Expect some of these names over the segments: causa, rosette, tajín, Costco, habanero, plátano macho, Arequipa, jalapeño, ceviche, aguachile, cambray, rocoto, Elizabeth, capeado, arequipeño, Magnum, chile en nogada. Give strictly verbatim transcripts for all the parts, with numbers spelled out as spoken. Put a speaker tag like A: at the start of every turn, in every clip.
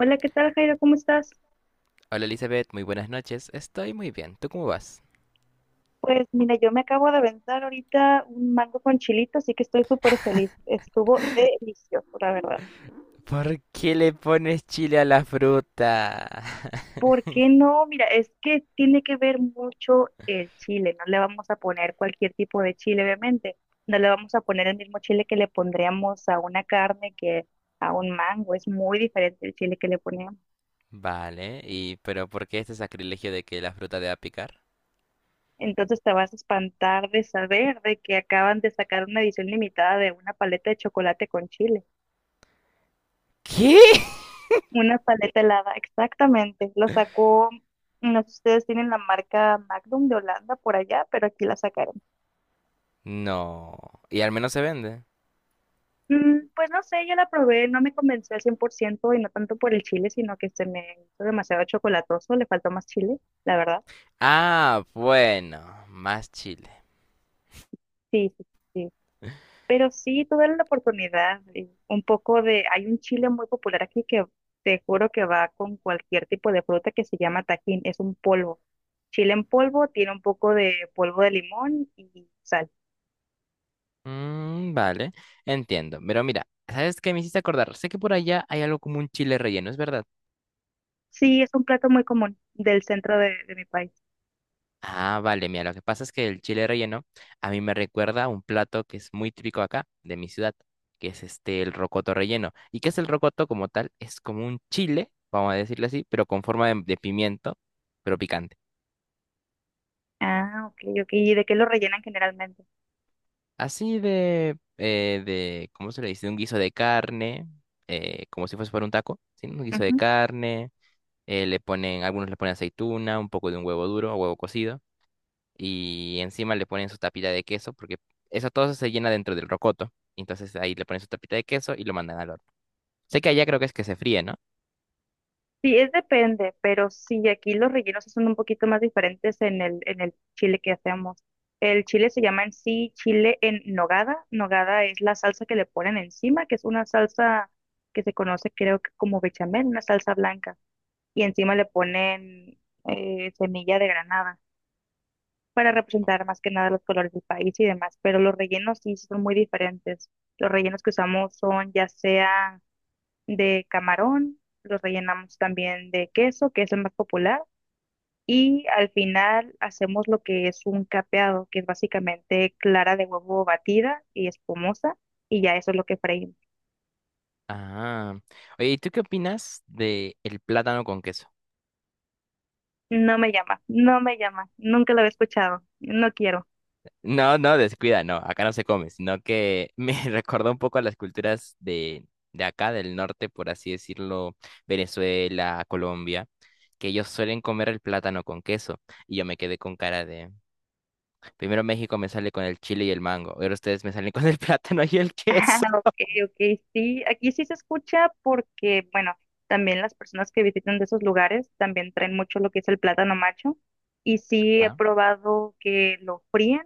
A: Hola, ¿qué tal, Jairo? ¿Cómo estás?
B: Hola Elizabeth, muy buenas noches. Estoy muy bien. ¿Tú cómo vas?
A: Pues mira, yo me acabo de aventar ahorita un mango con chilito, así que estoy súper feliz. Estuvo delicioso, la verdad.
B: ¿Por qué le pones chile a la fruta?
A: ¿Por qué no? Mira, es que tiene que ver mucho el chile. No le vamos a poner cualquier tipo de chile, obviamente. No le vamos a poner el mismo chile que le pondríamos a una carne que a un mango. Es muy diferente el chile que le ponemos.
B: Vale, y pero ¿por qué este sacrilegio de que la fruta deba picar?
A: Entonces te vas a espantar de saber de que acaban de sacar una edición limitada de una paleta de chocolate con chile.
B: ¿Qué?
A: Una paleta helada, exactamente. Lo sacó, no sé si ustedes tienen la marca Magnum de Holanda por allá, pero aquí la sacaron.
B: No. Y al menos se vende.
A: Mm, pues no sé, yo la probé, no me convenció al cien por ciento y no tanto por el chile, sino que se me hizo demasiado chocolatoso, le faltó más chile, la verdad.
B: Ah, bueno, más chile.
A: Sí, sí, sí. Pero sí, tuve la oportunidad y un poco de, hay un chile muy popular aquí que te juro que va con cualquier tipo de fruta que se llama tajín, es un polvo. Chile en polvo, tiene un poco de polvo de limón y sal.
B: Mm, vale, entiendo. Pero mira, ¿sabes qué me hiciste acordar? Sé que por allá hay algo como un chile relleno, ¿es verdad?
A: Sí, es un plato muy común del centro de, de mi país.
B: Ah, vale, mira, lo que pasa es que el chile relleno a mí me recuerda a un plato que es muy típico acá, de mi ciudad, que es este, el rocoto relleno. ¿Y qué es el rocoto como tal? Es como un chile, vamos a decirlo así, pero con forma de, de pimiento, pero picante.
A: Ah, ok, ok. ¿Y de qué lo rellenan generalmente?
B: Así de, eh, de, ¿cómo se le dice? Un guiso de carne, eh, como si fuese para un taco, ¿sí? Un guiso de
A: Ujú.
B: carne, eh, le ponen, algunos le ponen aceituna, un poco de un huevo duro o huevo cocido. Y encima le ponen su tapita de queso, porque eso todo eso se llena dentro del rocoto. Entonces ahí le ponen su tapita de queso y lo mandan al horno. Sé que allá creo que es que se fríe, ¿no?
A: Sí, es depende, pero sí, aquí los rellenos son un poquito más diferentes en el, en el chile que hacemos. El chile se llama en sí chile en nogada. Nogada es la salsa que le ponen encima, que es una salsa que se conoce creo que como bechamel, una salsa blanca. Y encima le ponen eh, semilla de granada, para representar más que nada los colores del país y demás, pero los rellenos sí son muy diferentes. Los rellenos que usamos son ya sea de camarón, los rellenamos también de queso, que es el más popular, y al final hacemos lo que es un capeado, que es básicamente clara de huevo batida y espumosa, y ya eso es lo que freímos.
B: Ah. Oye, ¿y tú qué opinas de el plátano con queso?
A: No me llama, no me llama, nunca lo había escuchado, no quiero.
B: No, no, descuida, no, acá no se come, sino que me recordó un poco a las culturas de, de acá, del norte, por así decirlo, Venezuela, Colombia, que ellos suelen comer el plátano con queso. Y yo me quedé con cara de... Primero México me sale con el chile y el mango. Ahora ustedes me salen con el plátano y el
A: Ah,
B: queso.
A: ok, ok, sí, aquí sí se escucha porque, bueno, también las personas que visitan de esos lugares también traen mucho lo que es el plátano macho y sí he
B: Ah.
A: probado que lo fríen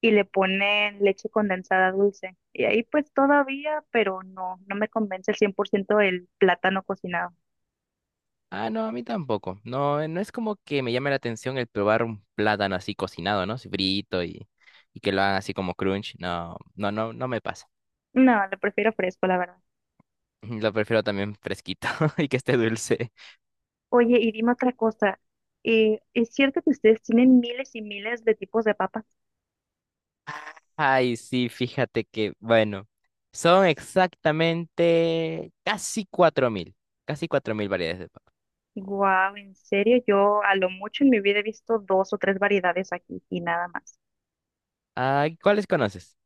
A: y le ponen leche condensada dulce y ahí pues todavía, pero no, no me convence el cien por ciento el plátano cocinado.
B: Ah, no, a mí tampoco. No, eh, no es como que me llame la atención el probar un plátano así cocinado, ¿no? Así frito y, y que lo hagan así como crunch. No, no, no, no me pasa.
A: No, lo prefiero fresco, la verdad.
B: Lo prefiero también fresquito y que esté dulce.
A: Oye, y dime otra cosa, eh, ¿es cierto que ustedes tienen miles y miles de tipos de papas?
B: Ay, sí, fíjate que, bueno, son exactamente casi cuatro mil, casi cuatro mil variedades de papa.
A: Wow, en serio, yo a lo mucho en mi vida he visto dos o tres variedades aquí y nada más.
B: Ah, ¿cuáles conoces?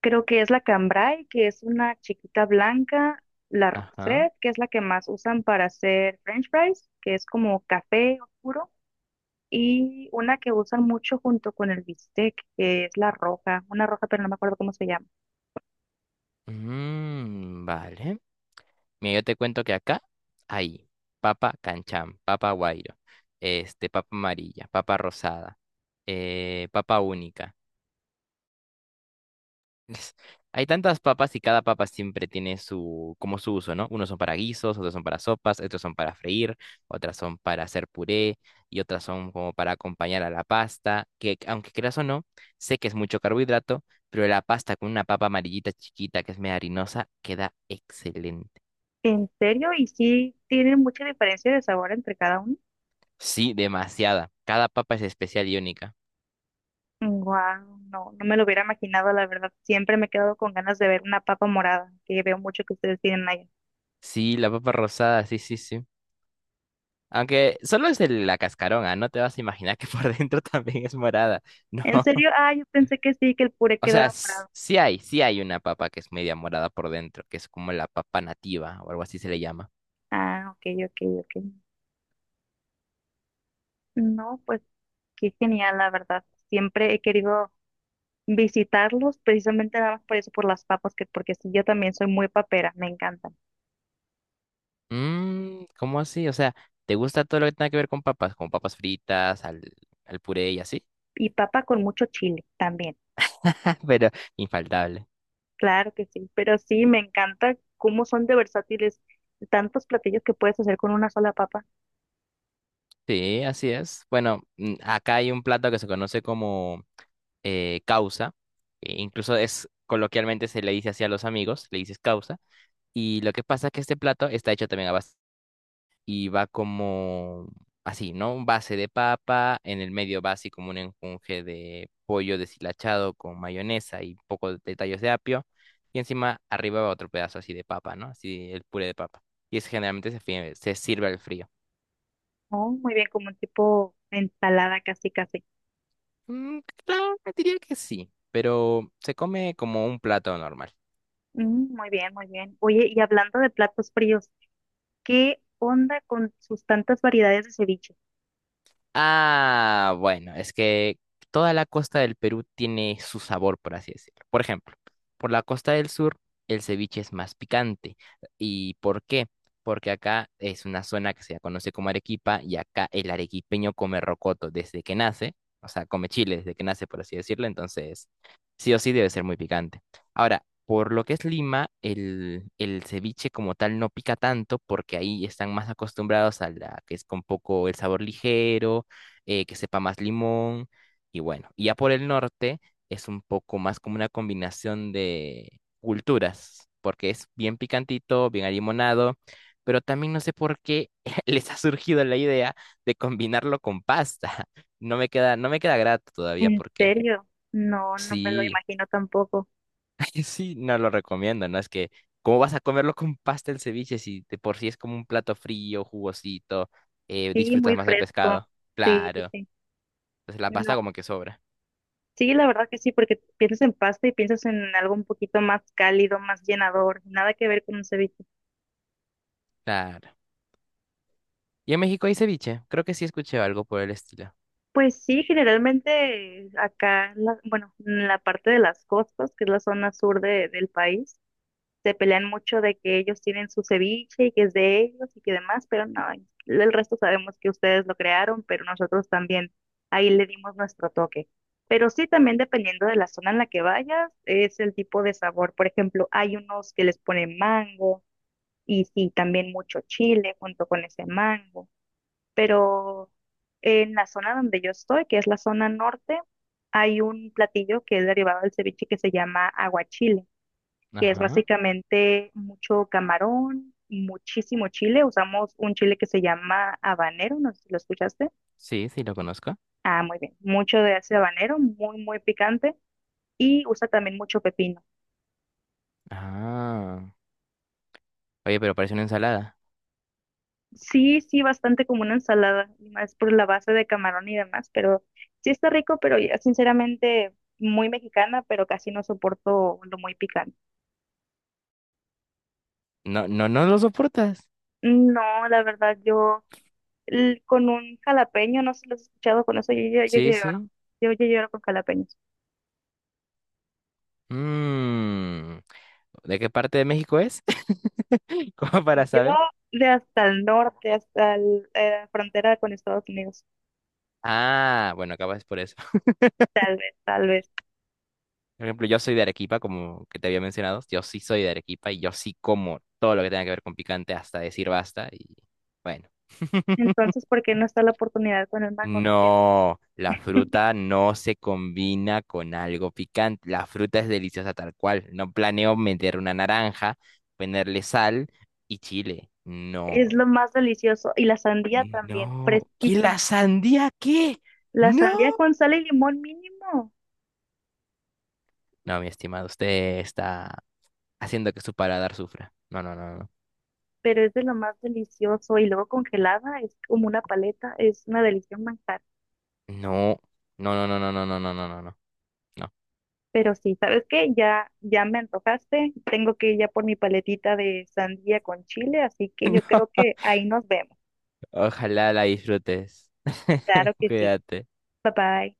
A: Creo que es la cambray, que es una chiquita blanca, la
B: Ajá.
A: rosette, que es la que más usan para hacer French fries, que es como café oscuro, y una que usan mucho junto con el bistec, que es la roja, una roja, pero no me acuerdo cómo se llama.
B: Mm, vale. Mira, yo te cuento que acá hay papa canchán, papa guairo, este, papa amarilla, papa rosada, eh, papa única. Hay tantas papas y cada papa siempre tiene su, como su uso, ¿no? Unos son para guisos, otros son para sopas, otros son para freír, otras son para hacer puré y otras son como para acompañar a la pasta, que aunque creas o no, sé que es mucho carbohidrato, pero la pasta con una papa amarillita chiquita que es media harinosa queda excelente.
A: En serio, y sí tienen mucha diferencia de sabor entre cada una.
B: Sí, demasiada. Cada papa es especial y única.
A: Wow, no, no me lo hubiera imaginado, la verdad. Siempre me he quedado con ganas de ver una papa morada, que veo mucho que ustedes tienen allá.
B: Sí, la papa rosada, sí, sí, sí. Aunque solo es el- la cascarona, no te vas a imaginar que por dentro también es morada. No,
A: ¿En serio? Ah, yo pensé que sí, que el puré
B: o sea,
A: quedaba
B: s-
A: morado.
B: sí hay, sí hay una papa que es media morada por dentro, que es como la papa nativa o algo así se le llama.
A: Ah, ok, ok, ok. No, pues qué genial, la verdad. Siempre he querido visitarlos, precisamente nada más por eso, por las papas, que porque sí, yo también soy muy papera, me encantan.
B: Mmm, ¿cómo así? O sea, ¿te gusta todo lo que tenga que ver con papas? Como papas fritas, al, al puré y así.
A: Y papa con mucho chile también,
B: Pero infaltable.
A: claro que sí. Pero sí, me encanta cómo son de versátiles tantos platillos que puedes hacer con una sola papa.
B: Sí, así es. Bueno, mm, acá hay un plato que se conoce como eh, causa, e incluso es coloquialmente se le dice así a los amigos, le dices causa, y lo que pasa es que este plato está hecho también a base, y va como así, ¿no? Base de papa, en el medio va así como un enjunje de pollo deshilachado con mayonesa y un poco de tallos de apio, y encima arriba va otro pedazo así de papa, ¿no? Así el puré de papa. Y es generalmente se, fie- se sirve al frío.
A: Oh, muy bien, como un tipo ensalada casi casi.
B: Mm, claro, diría que sí, pero se come como un plato normal.
A: Mm, muy bien, muy bien. Oye, y hablando de platos fríos, ¿qué onda con sus tantas variedades de ceviche?
B: Ah, bueno, es que toda la costa del Perú tiene su sabor, por así decirlo. Por ejemplo, por la costa del sur, el ceviche es más picante. ¿Y por qué? Porque acá es una zona que se conoce como Arequipa y acá el arequipeño come rocoto desde que nace, o sea, come chile desde que nace, por así decirlo, entonces sí o sí debe ser muy picante. Ahora, por lo que es Lima, el, el ceviche como tal no pica tanto porque ahí están más acostumbrados a la que es con poco el sabor ligero eh, que sepa más limón y bueno, y ya por el norte es un poco más como una combinación de culturas, porque es bien picantito, bien alimonado, pero también no sé por qué les ha surgido la idea de combinarlo con pasta. No me queda, no me queda grato todavía
A: ¿En
B: porque
A: serio? No, no me lo
B: sí,
A: imagino tampoco.
B: sí, no lo recomiendo, ¿no? Es que ¿cómo vas a comerlo con pasta el ceviche si de por sí es como un plato frío, jugosito, eh,
A: Sí,
B: disfrutas
A: muy
B: más del
A: fresco.
B: pescado?
A: Sí, sí,
B: Claro,
A: sí.
B: entonces la
A: No.
B: pasta como que sobra.
A: Sí, la verdad que sí, porque piensas en pasta y piensas en algo un poquito más cálido, más llenador, nada que ver con un ceviche.
B: Claro. ¿Y en México hay ceviche? Creo que sí escuché algo por el estilo.
A: Pues sí, generalmente acá, la- bueno, en la parte de las costas, que es la zona sur de- del país. Se pelean mucho de que ellos tienen su ceviche y que es de ellos y que demás, pero no, el resto sabemos que ustedes lo crearon, pero nosotros también ahí le dimos nuestro toque. Pero sí, también dependiendo de la zona en la que vayas, es el tipo de sabor. Por ejemplo, hay unos que les ponen mango y sí, también mucho chile junto con ese mango. Pero en la zona donde yo estoy, que es la zona norte, hay un platillo que es derivado del ceviche que se llama aguachile, que es
B: Ajá.
A: básicamente mucho camarón, muchísimo chile. Usamos un chile que se llama habanero, no sé si lo escuchaste.
B: Sí, sí, lo conozco.
A: Ah, muy bien. Mucho de ese habanero, muy, muy picante. Y usa también mucho pepino.
B: Ah. Oye, pero parece una ensalada.
A: Sí, sí, bastante como una ensalada, más por la base de camarón y demás, pero sí está rico, pero ya sinceramente muy mexicana, pero casi no soporto lo muy picante.
B: No, no, no lo soportas.
A: No, la verdad, yo l- con un jalapeño, no sé si lo has escuchado con eso, yo, yo, yo
B: Sí,
A: lloro.
B: sí.
A: Yo, yo lloro con jalapeños.
B: Mmm. ¿De qué parte de México es? Como para
A: Yo
B: saber.
A: de hasta el norte, hasta el- eh, la frontera con Estados Unidos.
B: Ah, bueno, acabas por eso.
A: Tal vez, tal vez.
B: Por ejemplo, yo soy de Arequipa, como que te había mencionado. Yo sí soy de Arequipa y yo sí como todo lo que tenga que ver con picante hasta decir basta y bueno.
A: Entonces, ¿por qué no está la oportunidad con el mango? No entiendo.
B: No, la fruta no se combina con algo picante. La fruta es deliciosa tal cual. No planeo meter una naranja, ponerle sal y chile.
A: Es
B: No,
A: lo más delicioso. Y la sandía también,
B: no. ¿Qué
A: fresquísimo.
B: la sandía? ¿Qué?
A: La
B: No.
A: sandía con sal y limón mínimo,
B: No, mi estimado, usted está haciendo que su paladar sufra. No, no, no, no.
A: pero es de lo más delicioso. Y luego congelada, es como una paleta, es una delicia un manjar.
B: No, no, no, no, no, no, no, no, no, no. No. No.
A: Pero sí, ¿sabes qué? Ya, ya me antojaste. Tengo que ir ya por mi paletita de sandía con chile, así que yo creo que ahí nos vemos.
B: Ojalá la disfrutes.
A: Claro que sí.
B: Cuídate.
A: Bye bye.